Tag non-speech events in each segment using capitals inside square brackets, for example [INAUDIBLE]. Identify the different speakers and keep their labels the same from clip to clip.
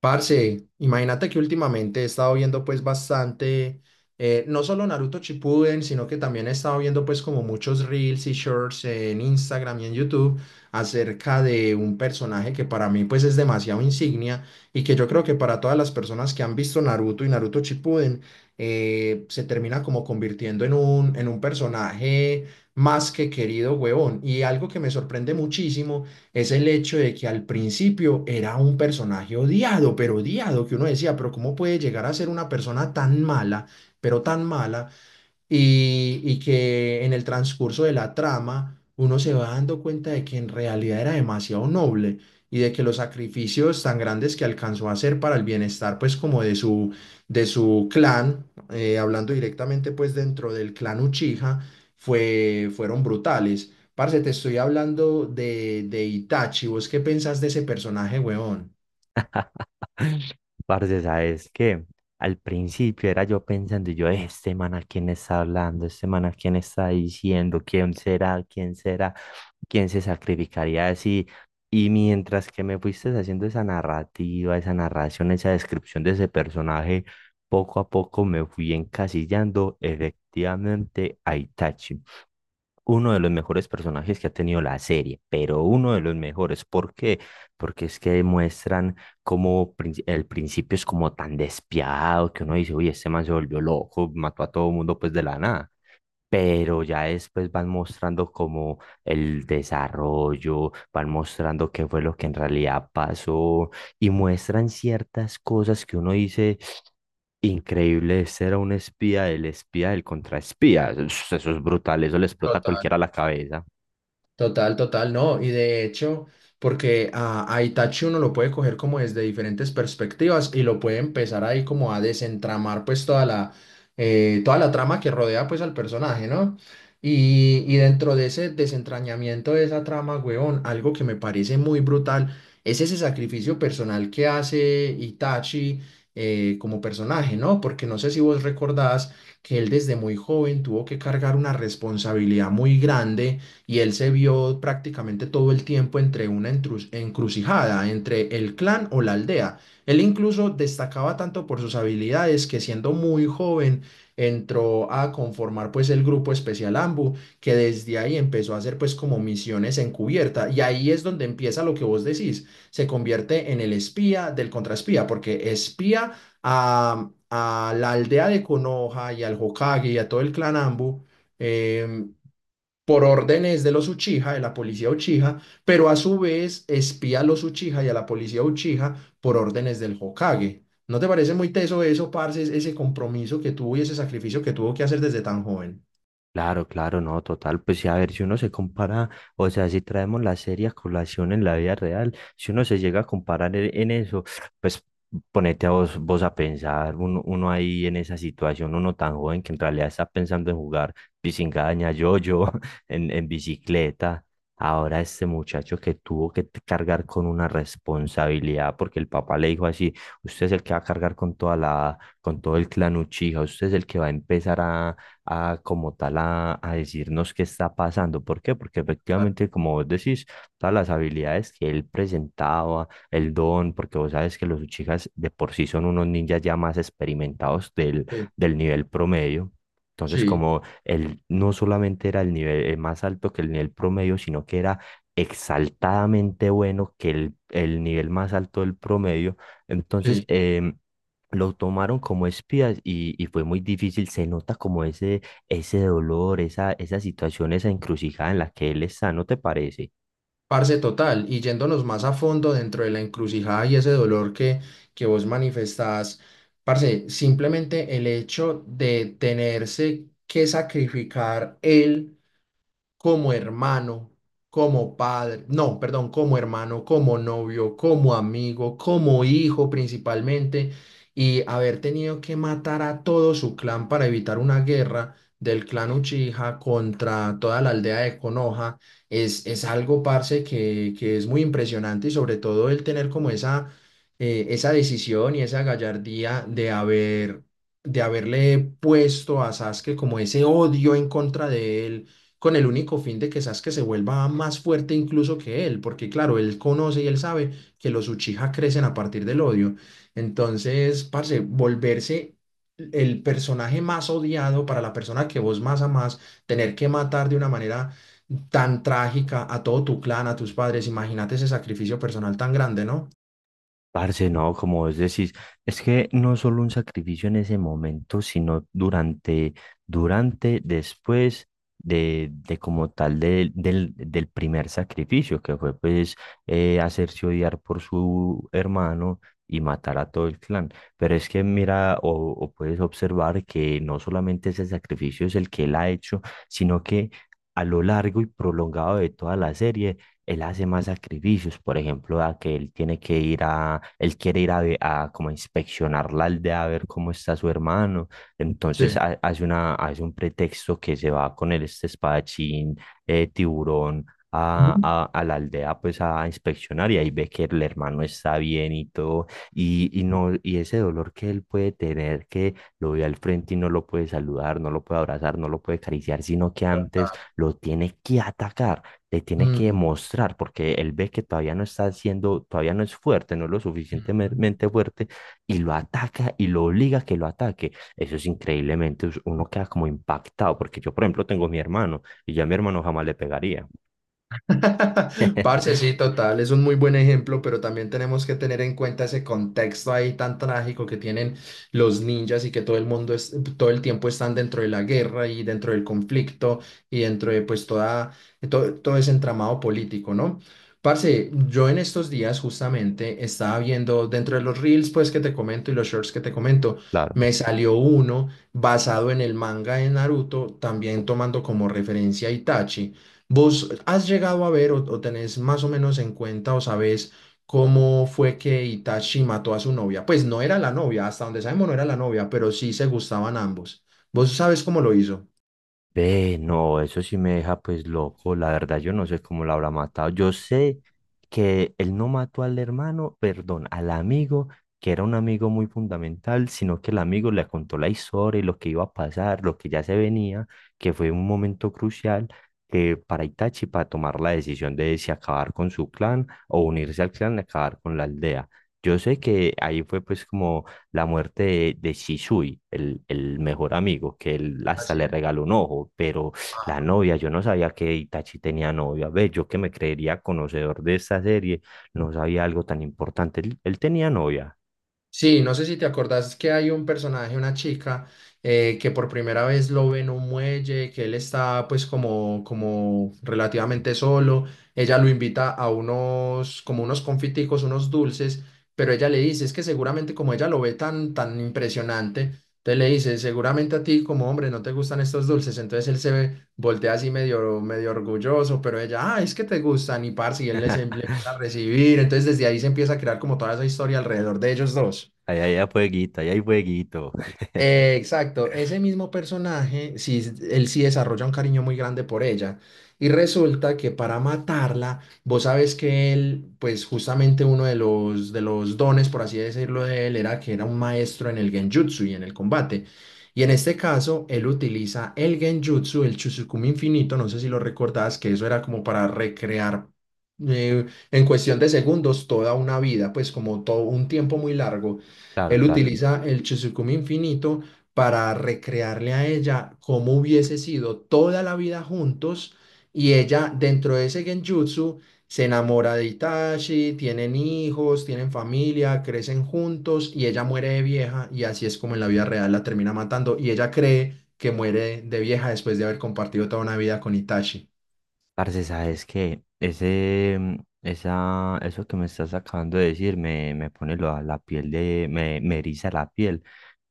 Speaker 1: Parce, imagínate que últimamente he estado viendo pues bastante, no solo Naruto Shippuden, sino que también he estado viendo pues como muchos reels y shorts en Instagram y en YouTube acerca de un personaje que para mí pues es demasiado insignia y que yo creo que para todas las personas que han visto Naruto y Naruto Shippuden se termina como convirtiendo en un personaje más que querido, huevón. Y algo que me sorprende muchísimo es el hecho de que al principio era un personaje odiado, pero odiado, que uno decía, pero ¿cómo puede llegar a ser una persona tan mala, pero tan mala, y que en el transcurso de la trama uno se va dando cuenta de que en realidad era demasiado noble y de que los sacrificios tan grandes que alcanzó a hacer para el bienestar pues como de de su clan, hablando directamente pues dentro del clan Uchiha, fueron brutales. Parce, te estoy hablando de Itachi, ¿vos qué pensás de ese personaje, huevón?
Speaker 2: Parce, ¿sabes que? Al principio era yo pensando, y yo, este man a quién está hablando, este man a quién está diciendo, quién será, quién será, quién se sacrificaría así". Y mientras que me fuiste haciendo esa narrativa, esa narración, esa descripción de ese personaje, poco a poco me fui encasillando, efectivamente, a Itachi, uno de los mejores personajes que ha tenido la serie, pero uno de los mejores. ¿Por qué? Porque es que muestran cómo el principio es como tan despiadado que uno dice, oye, este man se volvió loco, mató a todo mundo pues de la nada, pero ya después van mostrando como el desarrollo, van mostrando qué fue lo que en realidad pasó y muestran ciertas cosas que uno dice, increíble, ese era un espía, el espía del contraespía, eso es brutal, eso le explota a cualquiera la cabeza.
Speaker 1: Total, total, no. Y de hecho, porque a Itachi uno lo puede coger como desde diferentes perspectivas y lo puede empezar ahí como a desentramar pues toda la trama que rodea pues al personaje, ¿no? Y dentro de ese desentrañamiento de esa trama, huevón, algo que me parece muy brutal es ese sacrificio personal que hace Itachi como personaje, ¿no? Porque no sé si vos recordás que él desde muy joven tuvo que cargar una responsabilidad muy grande y él se vio prácticamente todo el tiempo entre una encrucijada, entre el clan o la aldea. Él incluso destacaba tanto por sus habilidades que siendo muy joven entró a conformar pues el grupo especial AMBU, que desde ahí empezó a hacer pues como misiones encubierta y ahí es donde empieza lo que vos decís, se convierte en el espía del contraespía, porque espía a la aldea de Konoha y al Hokage y a todo el clan Ambu, em, por órdenes de los Uchiha, de la policía Uchiha, pero a su vez espía a los Uchiha y a la policía Uchiha por órdenes del Hokage. ¿No te parece muy teso eso, parce, ese compromiso que tuvo y ese sacrificio que tuvo que hacer desde tan joven?
Speaker 2: Claro, claro, no, total. Pues sí, a ver, si uno se compara, o sea, si traemos la serie a colación en la vida real, si uno se llega a comparar en eso, pues ponete a vos, vos a pensar, uno, uno ahí en esa situación, uno tan joven que en realidad está pensando en jugar pisingaña, yo-yo, [LAUGHS] en bicicleta. Ahora este muchacho que tuvo que cargar con una responsabilidad, porque el papá le dijo así, usted es el que va a cargar con toda la, con todo el clan Uchiha, usted es el que va a empezar a como tal a decirnos qué está pasando. ¿Por qué? Porque
Speaker 1: Ah.
Speaker 2: efectivamente, como vos decís, todas las habilidades que él presentaba, el don, porque vos sabes que los Uchijas de por sí son unos ninjas ya más experimentados del,
Speaker 1: Sí,
Speaker 2: del nivel promedio. Entonces,
Speaker 1: sí,
Speaker 2: como él no solamente era el nivel más alto que el nivel promedio, sino que era exaltadamente bueno que el nivel más alto del promedio, entonces
Speaker 1: sí.
Speaker 2: lo tomaron como espías y fue muy difícil, se nota como ese dolor, esa situación, esa encrucijada en la que él está, ¿no te parece?
Speaker 1: Parce total, y yéndonos más a fondo dentro de la encrucijada y ese dolor que vos manifestás, parce, simplemente el hecho de tenerse que sacrificar él como hermano, como padre, no, perdón, como hermano, como novio, como amigo, como hijo principalmente, y haber tenido que matar a todo su clan para evitar una guerra del clan Uchiha contra toda la aldea de Konoha, es algo, parce, que es muy impresionante y sobre todo el tener como esa, esa decisión y esa gallardía de haber... de haberle puesto a Sasuke como ese odio en contra de él, con el único fin de que Sasuke se vuelva más fuerte incluso que él, porque claro, él conoce y él sabe que los Uchiha crecen a partir del odio. Entonces, parce, volverse el personaje más odiado para la persona que vos más amás, tener que matar de una manera tan trágica a todo tu clan, a tus padres, imagínate ese sacrificio personal tan grande, ¿no?
Speaker 2: Parce, no, como vos decís, es que no solo un sacrificio en ese momento, sino durante, durante, después de como tal del primer sacrificio, que fue pues hacerse odiar por su hermano y matar a todo el clan. Pero es que mira, o puedes observar que no solamente ese sacrificio es el que él ha hecho, sino que a lo largo y prolongado de toda la serie, él hace más sacrificios, por ejemplo, a que él tiene que ir a, él quiere ir a, a como a inspeccionar la aldea a ver cómo está su hermano, entonces
Speaker 1: Sí.
Speaker 2: hace una, hace un pretexto que se va con el este espadachín, tiburón,
Speaker 1: Ujú.
Speaker 2: a, a la aldea pues a inspeccionar y ahí ve que el hermano está bien y todo, y no, y ese dolor que él puede tener, que lo ve al frente y no lo puede saludar, no lo puede abrazar, no lo puede acariciar, sino que antes
Speaker 1: Total.
Speaker 2: lo tiene que atacar, le tiene que
Speaker 1: Mm,
Speaker 2: demostrar, porque él ve que todavía no está haciendo, todavía no es fuerte, no es lo
Speaker 1: mm.
Speaker 2: suficientemente fuerte, y lo ataca y lo obliga a que lo ataque. Eso es increíblemente, uno queda como impactado, porque yo, por ejemplo, tengo a mi hermano, y ya a mi hermano jamás le pegaría.
Speaker 1: [LAUGHS] Parce,
Speaker 2: [LAUGHS]
Speaker 1: sí, total, es un muy buen ejemplo, pero también tenemos que tener en cuenta ese contexto ahí tan trágico que tienen los ninjas y que todo el mundo es, todo el tiempo están dentro de la guerra y dentro del conflicto y dentro de pues toda, todo, todo ese entramado político, ¿no? Parce, yo en estos días justamente estaba viendo dentro de los reels pues que te comento y los shorts que te comento,
Speaker 2: Claro.
Speaker 1: me salió uno basado en el manga de Naruto, también tomando como referencia a Itachi. ¿Vos has llegado a ver o tenés más o menos en cuenta o sabés cómo fue que Itachi mató a su novia? Pues no era la novia, hasta donde sabemos no era la novia, pero sí se gustaban ambos. ¿Vos sabes cómo lo hizo?
Speaker 2: Ve, no, eso sí me deja pues loco, la verdad, yo no sé cómo lo habrá matado. Yo sé que él no mató al hermano, perdón, al amigo, que era un amigo muy fundamental, sino que el amigo le contó la historia y lo que iba a pasar, lo que ya se venía, que fue un momento crucial que para Itachi para tomar la decisión de si acabar con su clan o unirse al clan y acabar con la aldea. Yo sé que ahí fue pues como la muerte de Shisui, el mejor amigo, que él hasta le regaló un ojo, pero la novia, yo no sabía que Itachi tenía novia. Ve, yo que me creería conocedor de esta serie, no sabía algo tan importante. Él tenía novia.
Speaker 1: Sí, no sé si te acordás que hay un personaje, una chica, que por primera vez lo ve en un muelle, que él está pues como, como relativamente solo, ella lo invita a unos, como unos confiticos, unos dulces, pero ella le dice, es que seguramente como ella lo ve tan, tan impresionante, entonces le dice, seguramente a ti como hombre no te gustan estos dulces, entonces él se ve voltea así medio, medio orgulloso, pero ella, ah, es que te gustan y parce, y él le empieza a recibir, entonces desde ahí se empieza a crear como toda esa historia alrededor de ellos dos.
Speaker 2: Ahí, ahí, ahí, fueguito, ahí, hay fueguito. [LAUGHS]
Speaker 1: Exacto, ese mismo personaje, sí, él sí desarrolla un cariño muy grande por ella. Y resulta que para matarla, vos sabes que él, pues justamente uno de los dones, por así decirlo, de él era que era un maestro en el genjutsu y en el combate. Y en este caso, él utiliza el genjutsu, el Chusukumi infinito, no sé si lo recordás, que eso era como para recrear en cuestión de segundos toda una vida, pues como todo un tiempo muy largo.
Speaker 2: Claro,
Speaker 1: Él
Speaker 2: claro.
Speaker 1: utiliza el Chizukumi infinito para recrearle a ella cómo hubiese sido toda la vida juntos y ella dentro de ese genjutsu se enamora de Itachi, tienen hijos, tienen familia, crecen juntos y ella muere de vieja y así es como en la vida real la termina matando y ella cree que muere de vieja después de haber compartido toda una vida con Itachi.
Speaker 2: Parce, sabes que ese, esa, eso que me estás acabando de decir me, me pone la, la piel de, me eriza la piel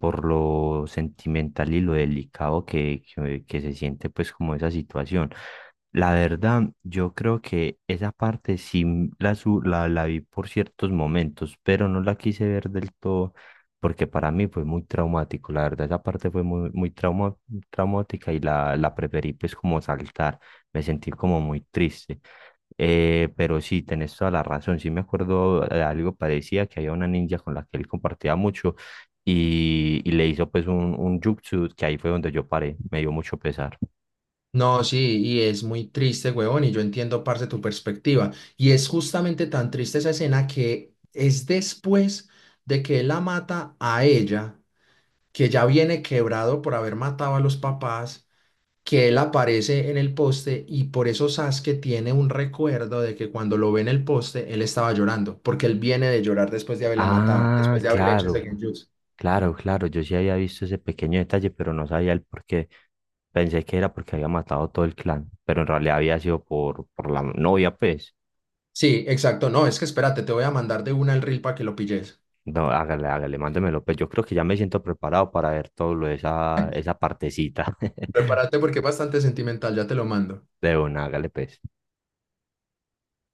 Speaker 2: por lo sentimental y lo delicado que se siente pues como esa situación. La verdad, yo creo que esa parte sí la, la, la vi por ciertos momentos, pero no la quise ver del todo porque para mí fue muy traumático, la verdad, esa parte fue muy, muy traumática y la preferí pues como saltar, me sentí como muy triste. Pero sí, tenés toda la razón. Sí, me acuerdo de algo, parecía que había una ninja con la que él compartía mucho y le hizo pues un jutsu que ahí fue donde yo paré. Me dio mucho pesar.
Speaker 1: No, sí, y es muy triste, huevón, y yo entiendo parte tu perspectiva. Y es justamente tan triste esa escena que es después de que él la mata a ella, que ya viene quebrado por haber matado a los papás, que él aparece en el poste y por eso Sasuke tiene un recuerdo de que cuando lo ve en el poste, él estaba llorando, porque él viene de llorar después de haberla matado,
Speaker 2: Ah,
Speaker 1: después de haberle hecho ese
Speaker 2: claro,
Speaker 1: genjutsu.
Speaker 2: claro, claro. Yo sí había visto ese pequeño detalle, pero no sabía el por qué. Pensé que era porque había matado todo el clan, pero en realidad había sido por la novia, pues.
Speaker 1: Sí, exacto. No, es que espérate, te voy a mandar de una el reel para que lo pilles.
Speaker 2: No, hágale, hágale, mándemelo. Pues yo creo que ya me siento preparado para ver todo lo de esa, esa partecita. [LAUGHS]
Speaker 1: Prepárate porque es bastante sentimental, ya te lo mando.
Speaker 2: De una, hágale, pues.